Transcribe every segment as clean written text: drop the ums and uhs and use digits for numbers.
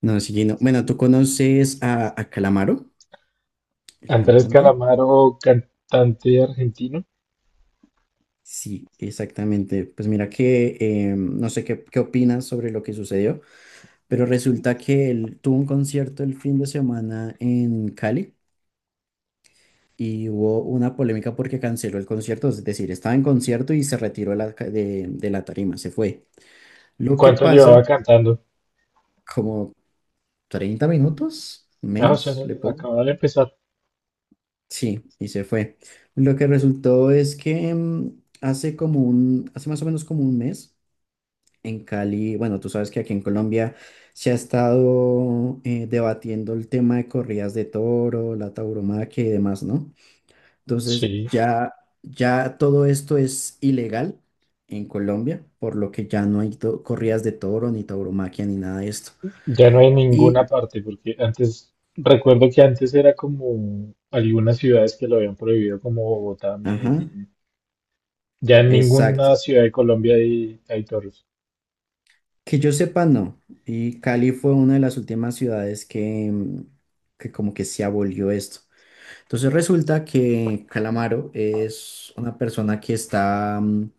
No, sí, no. Bueno, ¿tú conoces a Calamaro, el Andrés cantante? Calamaro, cantante argentino. Sí, exactamente. Pues mira que no sé qué, qué opinas sobre lo que sucedió, pero resulta que él tuvo un concierto el fin de semana en Cali y hubo una polémica porque canceló el concierto, es decir, estaba en concierto y se retiró de la, de la tarima, se fue. Lo que ¿Cuánto llevaba pasa, cantando? como 30 minutos Ah, o sea, menos, le pongo. acababa de empezar. Sí, y se fue. Lo que resultó es que hace como un, hace más o menos como un mes en Cali, bueno, tú sabes que aquí en Colombia se ha estado debatiendo el tema de corridas de toro, la tauromaquia y demás, ¿no? Entonces Sí, ya, ya todo esto es ilegal en Colombia, por lo que ya no hay corridas de toro, ni tauromaquia, ni nada de esto. ya no hay ninguna Y, parte, porque antes, recuerdo que antes era como algunas ciudades que lo habían prohibido, como Bogotá, ajá, Medellín. Ya en exacto. ninguna ciudad de Colombia hay toros. Que yo sepa, no. Y Cali fue una de las últimas ciudades que, que como que se abolió esto. Entonces resulta que Calamaro es una persona que está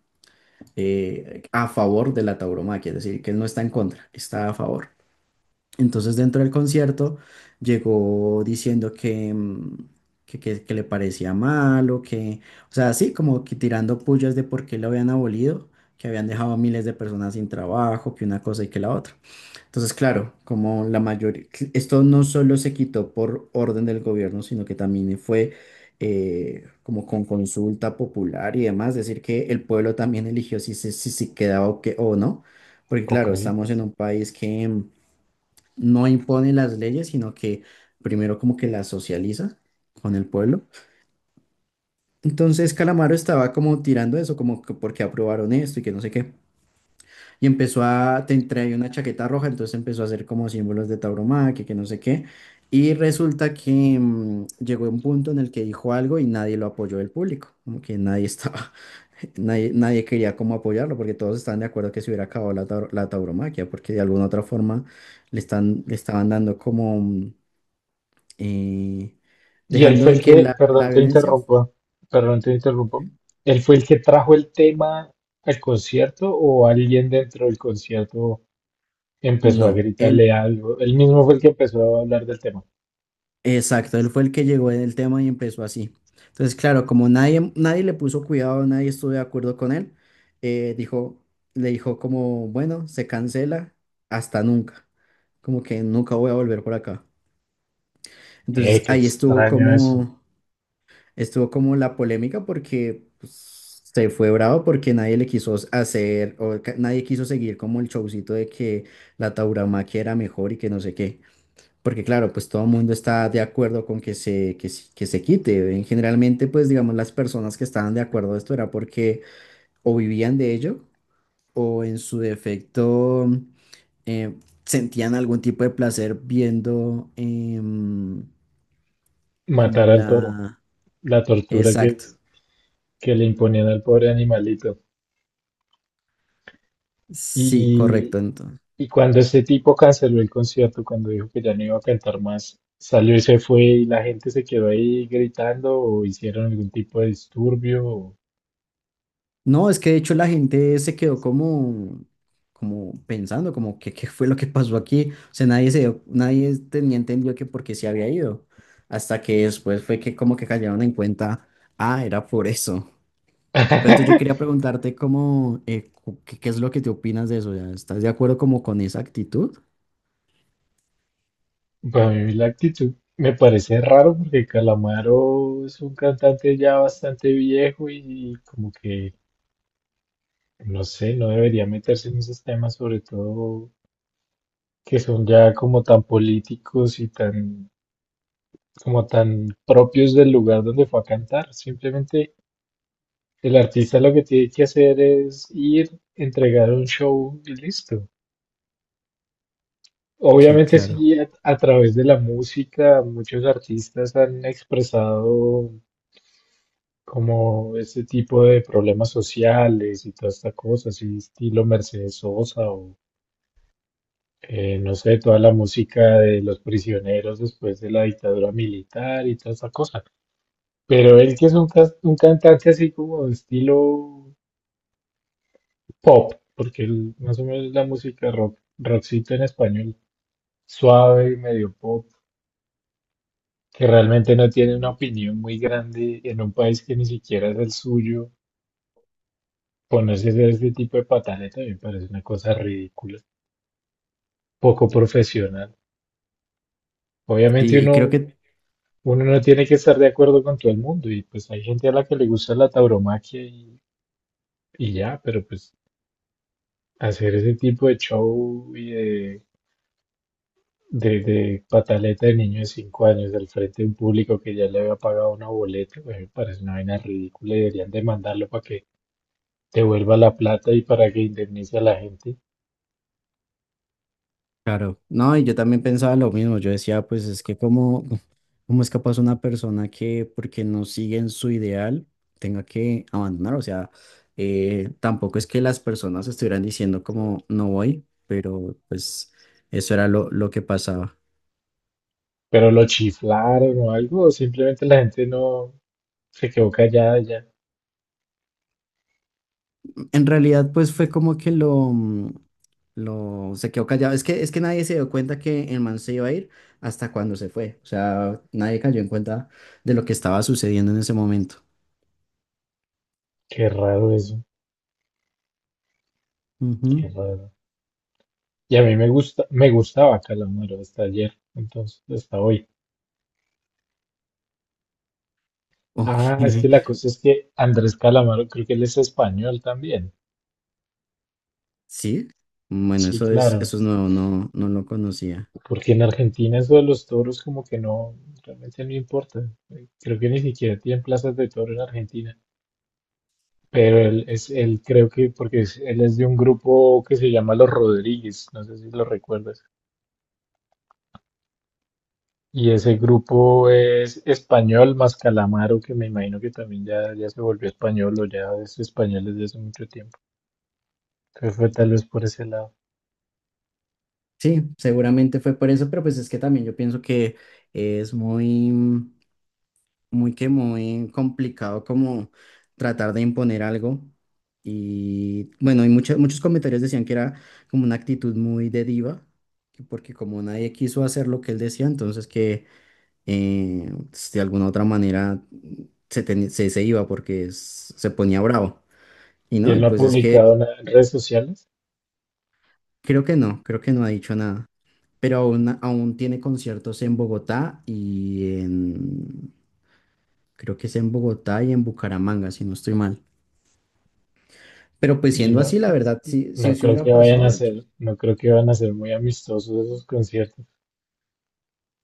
a favor de la tauromaquia, es decir, que él no está en contra, está a favor. Entonces dentro del concierto llegó diciendo que, que, que le parecía malo, que, o sea, así como que tirando pullas de por qué lo habían abolido, que habían dejado a miles de personas sin trabajo, que una cosa y que la otra. Entonces, claro, como la mayoría, esto no solo se quitó por orden del gobierno, sino que también fue como con consulta popular y demás, decir que el pueblo también eligió si se quedaba o, que, o no, porque Ok. claro, estamos en un país que no impone las leyes, sino que primero como que las socializa con el pueblo. Entonces, Calamaro estaba como tirando eso, como que porque aprobaron esto y que no sé qué. Y empezó a, te traía una chaqueta roja, entonces empezó a hacer como símbolos de tauromaquia, que no sé qué. Y resulta que llegó un punto en el que dijo algo y nadie lo apoyó del público, como que nadie estaba, nadie, nadie quería como apoyarlo, porque todos estaban de acuerdo que se hubiera acabado la, la tauromaquia, porque de alguna otra forma le están, le estaban dando como, eh, Y él dejando fue de el que que, la, la violencia... perdón, te interrumpo. ¿Sí? ¿Él fue el que trajo el tema al concierto o alguien dentro del concierto empezó a No, él gritarle algo? Él mismo fue el que empezó a hablar del tema. exacto, él fue el que llegó en el tema y empezó así. Entonces, claro, como nadie, nadie le puso cuidado, nadie estuvo de acuerdo con él, dijo, le dijo como, bueno, se cancela hasta nunca, como que nunca voy a volver por acá. Eh, Entonces qué ahí extraño eso. Estuvo como la polémica porque pues, se fue bravo porque nadie le quiso hacer, o nadie quiso seguir como el showcito de que la tauromaquia era mejor y que no sé qué. Porque claro, pues todo el mundo está de acuerdo con que se, que, se quite. En generalmente, pues digamos, las personas que estaban de acuerdo de esto era porque o vivían de ello o en su defecto eh, sentían algún tipo de placer viendo como Matar al toro. la... La tortura que, Exacto. que le imponían al pobre animalito. Sí, Y, correcto, entonces. y cuando ese tipo canceló el concierto, cuando dijo que ya no iba a cantar más, salió y se fue y la gente se quedó ahí gritando o hicieron algún tipo de disturbio. No, es que de hecho la gente se quedó como, como pensando, como que qué fue lo que pasó aquí. O sea, nadie se dio- nadie tenía entendido que por qué se había ido. Hasta que después fue que como que cayeron en cuenta, ah, era por eso. Pero entonces yo quería preguntarte cómo, qué, qué es lo que te opinas de eso. Ya, ¿estás de acuerdo como con esa actitud? Para mí la actitud me parece raro porque Calamaro es un cantante ya bastante viejo y como que no sé, no debería meterse en esos temas, sobre todo que son ya como tan políticos y tan, como tan propios del lugar donde fue a cantar. Simplemente el artista lo que tiene que hacer es ir, entregar un show y listo. Sí, Obviamente claro. sí, a través de la música, muchos artistas han expresado como este tipo de problemas sociales y toda esta cosa, así estilo Mercedes Sosa o no sé, toda la música de los prisioneros después de la dictadura militar y toda esa cosa. Pero él que es un cantante así como de estilo pop, porque él, más o menos la música rock, rockcito en español, suave y medio pop, que realmente no tiene una opinión muy grande en un país que ni siquiera es el suyo. Ponerse a hacer este tipo de patada también parece una cosa ridícula, poco profesional. Obviamente Sí, y creo uno que Uno no tiene que estar de acuerdo con todo el mundo y pues hay gente a la que le gusta la tauromaquia y ya, pero pues hacer ese tipo de show y de pataleta de niño de 5 años al frente de un público que ya le había pagado una boleta, pues, me parece una vaina ridícula y deberían demandarlo para que devuelva la plata y para que indemnice a la gente. claro, no, y yo también pensaba lo mismo, yo decía, pues es que cómo, cómo es capaz una persona que porque no sigue en su ideal tenga que abandonar, o sea, tampoco es que las personas estuvieran diciendo como no voy, pero pues eso era lo que pasaba. Pero lo chiflaron o algo, o simplemente la gente no se quedó callada ya. En realidad, pues fue como que lo, lo, se quedó callado, es que nadie se dio cuenta que el man se iba a ir hasta cuando se fue, o sea, nadie cayó en cuenta de lo que estaba sucediendo en ese momento. Qué raro eso, qué Ujú. raro. Y a mí me gusta, me gustaba Calamaro hasta ayer, entonces, hasta hoy. Ok, Ah, es que la cosa es que Andrés Calamaro, creo que él es español también. sí, bueno, Sí, claro, eso es nuevo, no, no lo conocía. porque en Argentina eso de los toros como que no, realmente no importa. Creo que ni siquiera tienen plazas de toro en Argentina. Pero él es, él creo que, porque es- él es de un grupo que se llama Los Rodríguez, no sé si lo recuerdas. Y ese grupo es español más Calamaro, que me imagino que también ya se volvió español o ya es español desde hace mucho tiempo. Entonces fue tal vez por ese lado. Sí, seguramente fue por eso, pero pues es que también yo pienso que es muy, muy que muy complicado como tratar de imponer algo. Y bueno, y muchos, muchos comentarios decían que era como una actitud muy de diva, que porque como nadie quiso hacer lo que él decía, entonces que pues, de alguna otra manera se, se, se iba porque se ponía bravo. Y Y no, y él no ha pues es que publicado nada en redes sociales creo que no, creo que no ha dicho nada, pero aún, aún tiene conciertos en Bogotá y en, creo que es en Bogotá y en Bucaramanga, si no estoy mal. Pero pues y siendo no, así, la verdad, si, si no se creo hubiera que pasado, yo- van a ser muy amistosos esos conciertos.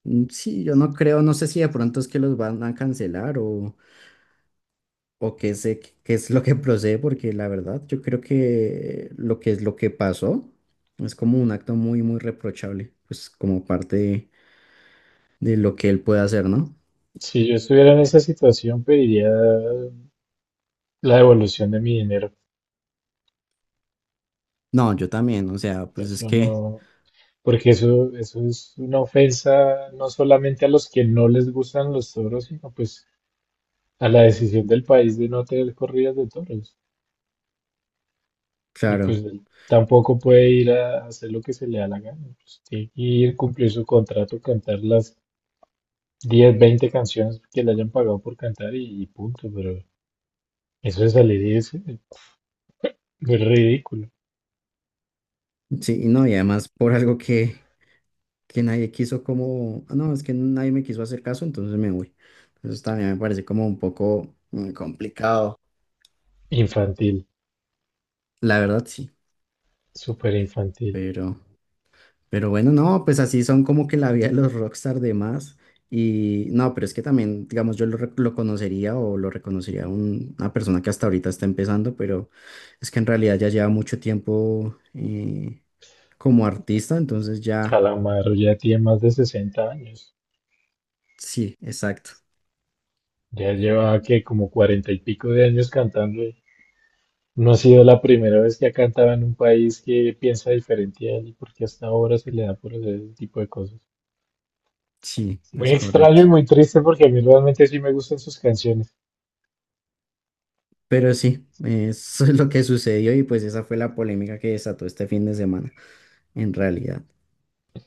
sí, yo no creo, no sé si de pronto es que los van a cancelar o qué sé, qué es lo que procede, porque la verdad, yo creo que lo que es lo que pasó es como un acto muy, muy reprochable, pues como parte de lo que él puede hacer, ¿no? Si yo estuviera en esa situación, pediría la devolución de mi dinero. No, yo también, o sea, pues es Eso que... no, porque eso es una ofensa no solamente a los que no les gustan los toros, sino pues a la decisión del país de no tener corridas de toros. Y Claro, pues él tampoco puede ir a hacer lo que se le da la gana. Pues, tiene que ir, cumplir su contrato, cantar las 10 20 canciones que le hayan pagado por cantar y punto. Pero eso de salir y es ridículo. sí, y no, y además por algo que nadie quiso como, "Ah, no, es que nadie me quiso hacer caso, entonces me voy". Entonces también me parece como un poco complicado, Infantil, la verdad sí, súper infantil. pero, pero bueno, no, pues así son como que la vida de los rockstar de más, y no, pero es que también, digamos, lo conocería o lo reconocería a una persona que hasta ahorita está empezando, pero es que en realidad ya lleva mucho tiempo como artista, entonces ya, Calamaro ya tiene más de 60 años. sí, exacto. Ya lleva que como 40 y pico de años cantando. No ha sido la primera vez que ha cantado en un país que piensa diferente a él y porque hasta ahora se le da por hacer ese tipo de cosas. Sí, es Muy extraño correcto. y muy triste porque a mí realmente sí me gustan sus canciones. Pero sí, eso es lo que sucedió y pues esa fue la polémica que desató este fin de semana, en realidad.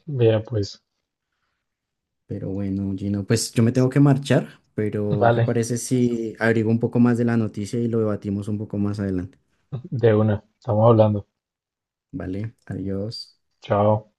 Mira, pues, Pero bueno, Gino, pues yo me tengo que marchar, pero ¿qué vale, parece si abrigo un poco más de la noticia y lo debatimos un poco más adelante? de una, estamos hablando. Vale, adiós. Chao.